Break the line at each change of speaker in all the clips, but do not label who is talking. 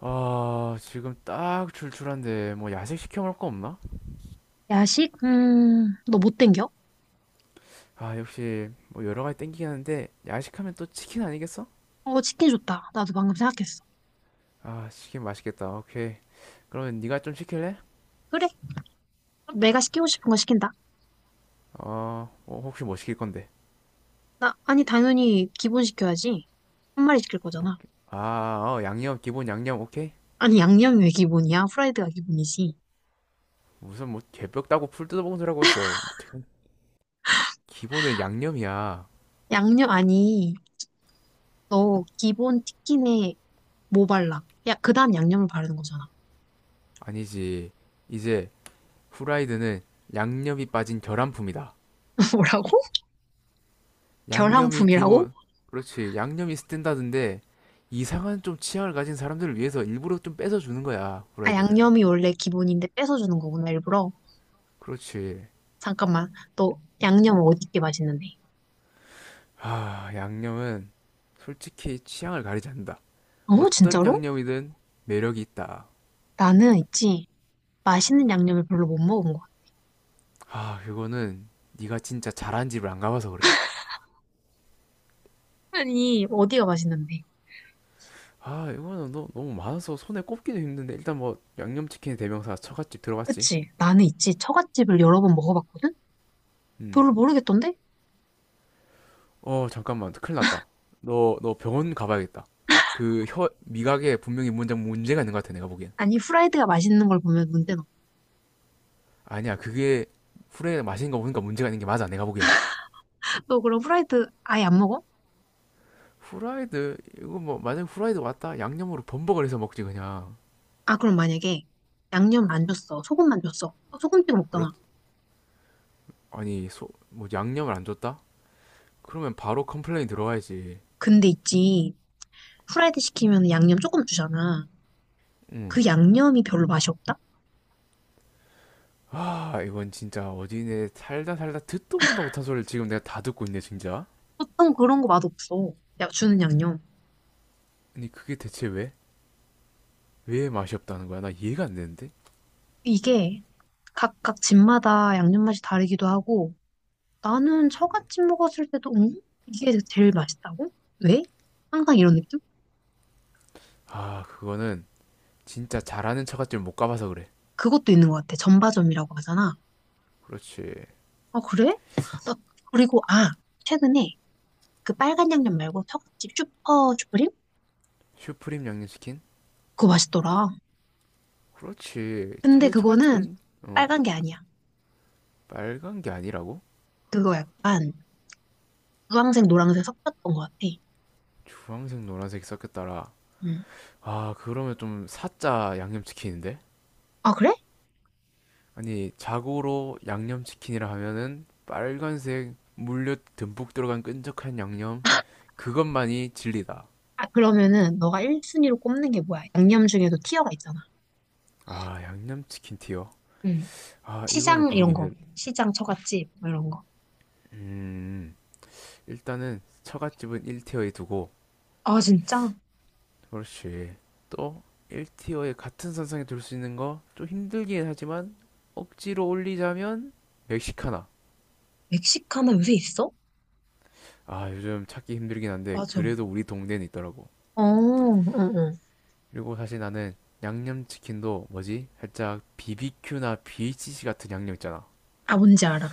아, 지금 딱 출출한데 뭐 야식 시켜 먹을 거 없나?
야식? 너 못 땡겨?
아, 역시 뭐 여러 가지 땡기긴 하는데 야식하면 또 치킨 아니겠어?
어, 치킨 좋다. 나도 방금 생각했어.
아, 치킨 맛있겠다. 오케이. 그러면 네가 좀 시킬래?
그래, 내가 시키고 싶은 거 시킨다.
어, 어, 혹시 뭐 시킬 건데?
나, 아니, 당연히 기본 시켜야지. 한 마리 시킬 거잖아.
아, 어, 양념 기본 양념 오케이.
아니, 양념이 왜 기본이야? 후라이드가 기본이지.
무슨 뭐 개뼈 따고 풀 뜯어먹은 소리라고 했어. 기본은 양념이야.
양념, 아니, 너 기본 치킨에 뭐 발라? 야, 그 다음 양념을 바르는 거잖아.
아니지. 이제 후라이드는 양념이 빠진 결함품이다.
뭐라고?
양념이
결함품이라고?
기본, 그렇지. 양념이 스탠다드인데 이상한 좀 취향을 가진 사람들을 위해서 일부러 좀 뺏어 주는 거야,
아,
후라이드는.
양념이 원래 기본인데 뺏어주는 거구나, 일부러.
그렇지.
잠깐만, 너 양념 어디 게 맛있는데?
아, 양념은 솔직히 취향을 가리지 않는다.
어,
어떤
진짜로?
양념이든 매력이 있다.
나는 있지. 맛있는 양념을 별로 못 먹은 거야.
아, 이거는 네가 진짜 잘한 집을 안 가봐서 그래.
아니, 어디가 맛있는데?
아, 이거는 너무 많아서 손에 꼽기도 힘든데 일단 뭐 양념치킨 대명사 처갓집 들어갔지?
그치? 나는 있지. 처갓집을 여러 번 먹어봤거든?
음.
별로 모르겠던데?
어, 잠깐만. 큰일 났다. 너 병원 가봐야겠다. 그 혀, 미각에 분명히 문제가 있는 것 같아, 내가 보기엔.
아니, 후라이드가 맛있는 걸 보면 문제 없어.
아니야, 그게 후라이드 마시는 거 보니까 문제가 있는 게 맞아, 내가 보기엔.
너 그럼 후라이드 아예 안 먹어?
후라이드, 이거 뭐, 만약에 후라이드 왔다? 양념으로 범벅을 해서 먹지, 그냥.
아, 그럼 만약에 양념을 안 줬어. 소금만 줬어. 어, 소금 찍어
그렇,
먹잖아.
아니, 뭐, 양념을 안 줬다? 그러면 바로 컴플레인 들어와야지.
근데 있지. 후라이드 시키면 양념 조금 주잖아.
응.
그 양념이 별로 맛이 없다?
아, 이건 진짜 어디네 살다 살다 듣도 보다 못한 소리를 지금 내가 다 듣고 있네, 진짜.
보통 그런 거 맛없어. 야, 주는 양념.
아니, 그게 대체 왜? 왜 맛이 없다는 거야? 나 이해가 안 되는데?
이게 각각 집마다 양념 맛이 다르기도 하고, 나는 처갓집 먹었을 때도 응? 이게 제일 맛있다고? 왜? 항상 이런 느낌?
아, 그거는 진짜 잘하는 처갓집 을 못 가봐서 그래.
그것도 있는 것 같아. 전바점이라고 하잖아.
그렇지.
아 그래? 나 그리고 아 최근에 그 빨간 양념 말고 처갓집 슈퍼 슈프림?
슈프림 양념치킨?
그거 맛있더라.
그렇지. 차
근데
실
그거는
처갓집은 어
빨간 게 아니야.
빨간 게 아니라고?
그거 약간 주황색 노란색 섞였던 것 같아.
주황색 노란색이 섞였더라.
응.
아 그러면 좀 사짜 양념치킨인데?
아 그래?
아니 자고로 양념치킨이라 하면은 빨간색 물엿 듬뿍 들어간 끈적한 양념, 그것만이 진리다.
아 그러면은 너가 1순위로 꼽는 게 뭐야? 양념 중에도 티어가 있잖아.
아 양념치킨 티어.
응.
아 이거는
시장
고르기
이런 거.
힘들.
시장 처갓집 뭐 이런 거.
음, 일단은 처갓집은 1티어에 두고,
아 진짜?
그렇지. 또 1티어에 같은 선상에 둘 수 있는 거 좀 힘들긴 하지만 억지로 올리자면 멕시카나.
멕시카나 요새 있어?
아, 요즘 찾기 힘들긴 한데
맞아.
그래도 우리 동네는 있더라고.
어, 응, 응.
그리고 사실 나는 양념치킨도 뭐지? 살짝 BBQ나 BHC 같은 양념 있잖아.
아, 뭔지 알아.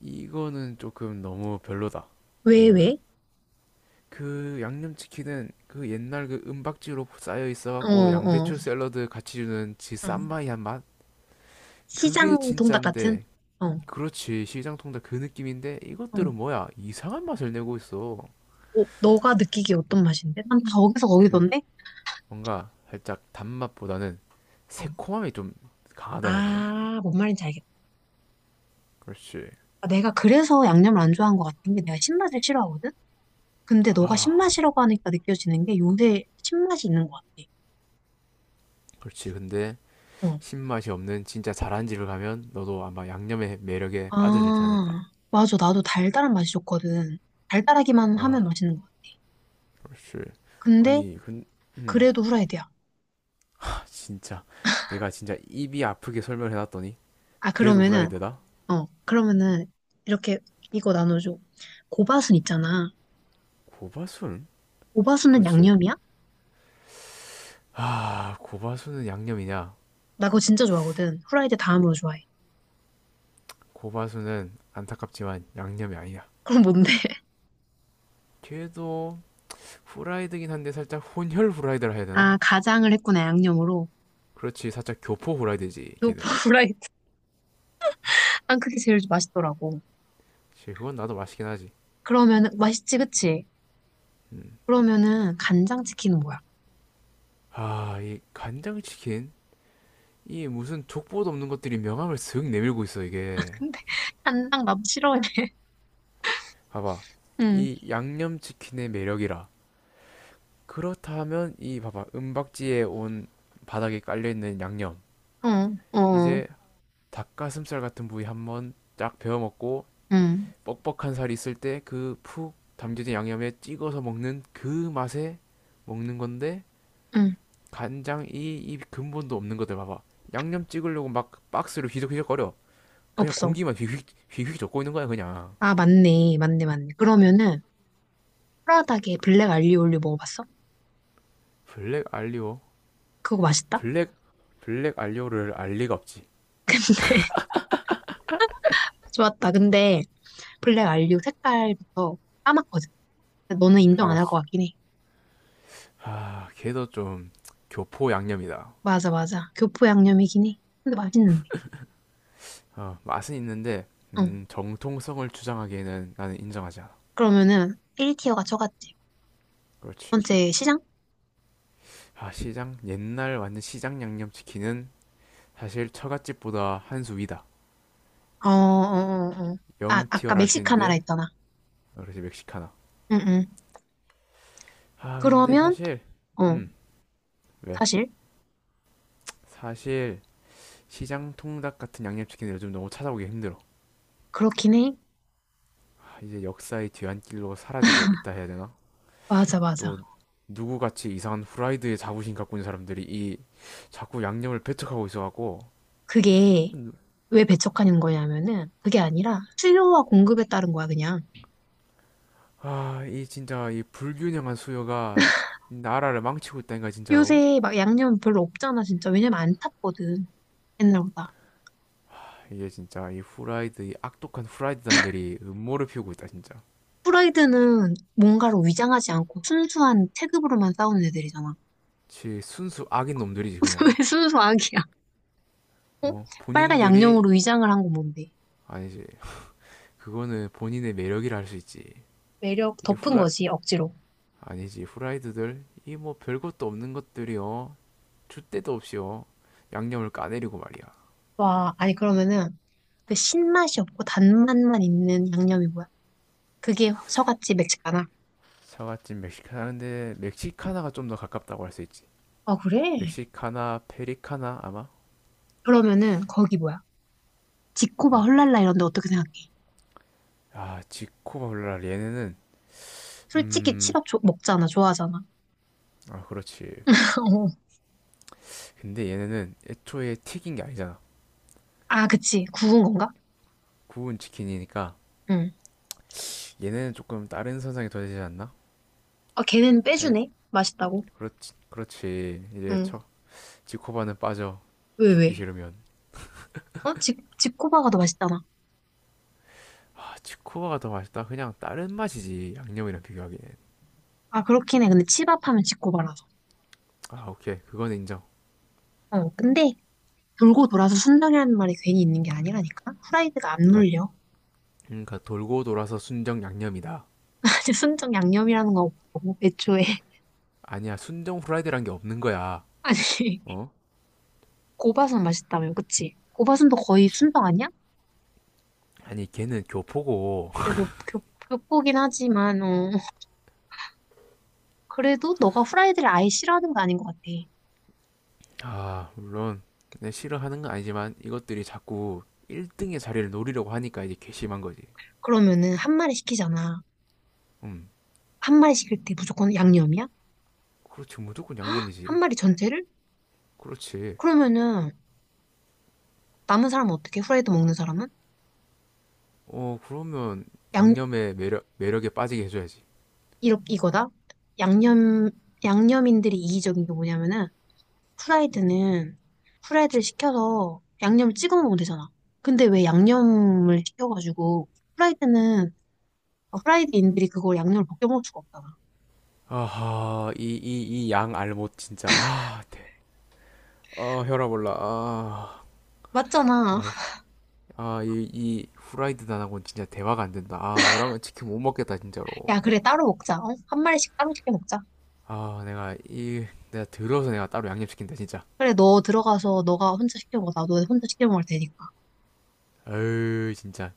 이거는 조금 너무 별로다.
왜,
이거는.
왜?
그 양념치킨은 그 옛날 그 은박지로 쌓여
어,
있어갖고
어,
양배추 샐러드 같이 주는 그
어.
쌈마이한 맛?
시장
그게
동닭 같은?
진짠데
어, 어.
그렇지 시장통닭 그 느낌인데 이것들은 뭐야 이상한 맛을 내고 있어.
어, 너가 느끼기에 어떤 맛인데? 난 다 어디서
그
거기던데?
뭔가 살짝 단맛보다는
어.
새콤함이 좀 강하다 해야 되나?
아, 뭔 말인지 알겠다.
그렇지
아, 내가 그래서 양념을 안 좋아한 것 같은 게 내가 신맛을 싫어하거든? 근데 너가 신맛이라고 하니까 느껴지는 게 요새 신맛이 있는 것
그렇지 근데
같아. 어.
신맛이 없는 진짜 잘한 집을 가면 너도 아마 양념의 매력에 빠져들지 않을까
아, 맞아. 나도 달달한 맛이 좋거든. 달달하기만 하면
아
맛있는 것 같아.
그렇지
근데
아니 근 음,
그래도 후라이드야.
아, 진짜 내가 진짜 입이 아프게 설명해놨더니
아,
그래도
그러면은,
후라이드다?
어, 그러면은, 이렇게, 이거 나눠줘. 고바순 있잖아.
고바순?
고바순은
그렇지.
양념이야?
아 고바순은 양념이냐.
나 그거 진짜 좋아하거든. 후라이드 다음으로 좋아해.
고바수는 안타깝지만 양념이 아니야.
그럼 뭔데?
걔도 후라이드긴 한데 살짝 혼혈 후라이드라 해야 되나?
아, 가장을 했구나, 양념으로.
그렇지, 살짝 교포 후라이드지
요
걔는.
후라이드. 난 그게 제일 맛있더라고.
그건 나도 맛있긴 하지.
그러면은, 맛있지, 그치?
음.
그러면은, 간장치킨은 뭐야?
아, 이 간장치킨? 이 무슨 족보도 없는 것들이 명함을 슥 내밀고 있어
근데,
이게.
간장 나도 싫어해.
봐봐.
응,
이 양념치킨의 매력이라. 그렇다면 이 봐봐 은박지에 온 바닥에 깔려있는 양념.
어, 어,
이제 닭가슴살 같은 부위 한번 쫙 베어 먹고
응,
뻑뻑한 살이 있을 때 그 푹 담겨진 양념에 찍어서 먹는 그 맛에 먹는 건데.
응.
간장 이 근본도 없는 것들 봐봐. 양념 찍으려고 막 박스로 휘적휘적거려. 그냥
없어.
공기만 휘휘 휘휘 젓고 있는 거야 그냥.
아, 맞네, 맞네, 맞네. 그러면은, 프라닭에 블랙 알리오 올리오 먹어봤어?
블랙 알리오,
그거 맛있다?
블랙 블랙 알리오를 알 리가 없지.
좋았다. 근데 블랙 알류 색깔부터 까맣거든. 근데 너는
아
인정 안
맞
할 것
지
같긴 해.
아, 걔도 좀 교포 양념이다.
맞아, 맞아. 교포 양념이긴 해. 근데 맛있는데.
어, 맛은 있는데
어.
정통성을 주장하기에는 나는 인정하지 않아.
그러면은 1티어가 저같지. 두
그렇지.
번째 시장?
아, 시장, 옛날 완전 시장 양념치킨은 사실 처갓집보다 한 수 위다.
어, 어, 어, 어. 아, 아까
영티어를 할 수
멕시카나라
있는데.
했잖아.
그렇지 멕시카나.
응, 응.
아 근데
그러면,
사실
어,
음, 왜?
사실
사실 시장 통닭 같은 양념치킨 요즘 너무 찾아오기 힘들어.
그렇긴 해.
아, 이제 역사의 뒤안길로 사라지고 있다 해야 되나?
맞아, 맞아.
또 누구같이 이상한 후라이드에 자부심 갖고 있는 사람들이 이 자꾸 양념을 배척하고 있어갖고.
그게 왜 배척하는 거냐면은 그게 아니라 수요와 공급에 따른 거야, 그냥.
아 이 진짜 이 불균형한 수요가 나라를 망치고 있다니까 진짜로.
요새 막 양념 별로 없잖아, 진짜. 왜냐면 안 탔거든. 옛날보다.
아, 이게 진짜 이 후라이드, 이 악독한 후라이드단들이 음모를 피우고 있다 진짜.
프라이드는 뭔가로 위장하지 않고 순수한 체급으로만 싸우는 애들이잖아.
지 순수 악인 놈들이지 그냥.
왜 순수 악이야? 어?
어?
빨간
본인들이.
양념으로 위장을 한 건 뭔데?
아니지. 그거는 본인의 매력이라 할 수 있지.
매력
이
덮은
후라
거지, 억지로.
아니지 후라이드들 이 뭐 별것도 없는 것들이요. 줄 데도 없이요. 양념을 까내리고 말이야.
와, 아니 그러면은 그 신맛이 없고 단맛만 있는 양념이 뭐야? 그게 서갓집매시카나
사과찜 멕시카나인데 멕시카나가 좀 더 가깝다고 할 수 있지.
아, 그래?
멕시카나 페리카나 아마.
그러면은 거기 뭐야? 지코바
음.
헐랄라 이런 데 어떻게 생각해?
아 지코바 블라 얘네는
솔직히
음.
먹잖아, 좋아하잖아.
아 그렇지.
어.
근데 얘네는 애초에 튀긴 게 아니잖아.
아, 그치. 구운 건가?
구운 치킨이니까
응.
얘네는 조금 다른 선상에 둬야 되지 않나?
아, 걔는
할
빼주네. 맛있다고.
그렇지 이제
응.
쳐 지코바는 빠져,
왜,
죽기
왜?
싫으면.
어? 지코바가 더 맛있잖아.
아 지코바가 더 맛있다 그냥 다른 맛이지 양념이랑 비교하기엔.
아, 그렇긴 해. 근데 치밥하면 지코바라서.
아 오케이 그건 인정.
어, 근데 돌고 돌아서 순정이라는 말이 괜히 있는 게 아니라니까? 후라이드가 안
그러니까
물려.
그러니까 돌고 돌아서 순정 양념이다.
아니, 순정 양념이라는 거 없고, 애초에.
아니야 순정 후라이드란 게 없는 거야.
아니,
어
고바순 맛있다며, 그치? 고바순도
그렇
거의
지
순정 아니야?
아니 걔는 교포고.
걔 교포긴 하지만, 어. 그래도 너가 후라이드를 아예 싫어하는 거 아닌 것 같아.
아 물론 내 싫어하는 건 아니지만 이것들이 자꾸 1등의 자리를 노리려고 하니까 이제 괘씸한 거지.
그러면은 한 마리 시키잖아.
음,
한 마리 시킬 때 무조건 양념이야?
그렇지 무조건
한
양념이지.
마리 전체를?
그렇지.
그러면은 남은 사람은 어떻게? 후라이드 먹는 사람은?
어, 그러면 양념의 매력에 빠지게 해줘야지.
이렇 이거다. 양념 양념인들이 이기적인 게 뭐냐면은 후라이드는 후라이드를 시켜서 양념을 찍어 먹으면 되잖아. 근데 왜 양념을 시켜가지고 후라이드는 후라이드인들이 그걸 양념을 벗겨 먹을 수가 없잖아.
아하, 이 양 알못 진짜. 아, 대. 아, 혈압 올라. 아,
맞잖아.
아, 아, 이 후라이드 단하고는 진짜 대화가 안 된다. 아, 너랑은 치킨 못 먹겠다, 진짜로.
야 그래 따로 먹자. 어? 한 마리씩 따로 시켜 먹자.
아, 내가 들어서 내가 따로 양념 시킨다, 진짜.
그래 너 들어가서 너가 혼자 시켜 먹어. 나도 혼자 시켜 먹을 테니까.
어유 진짜.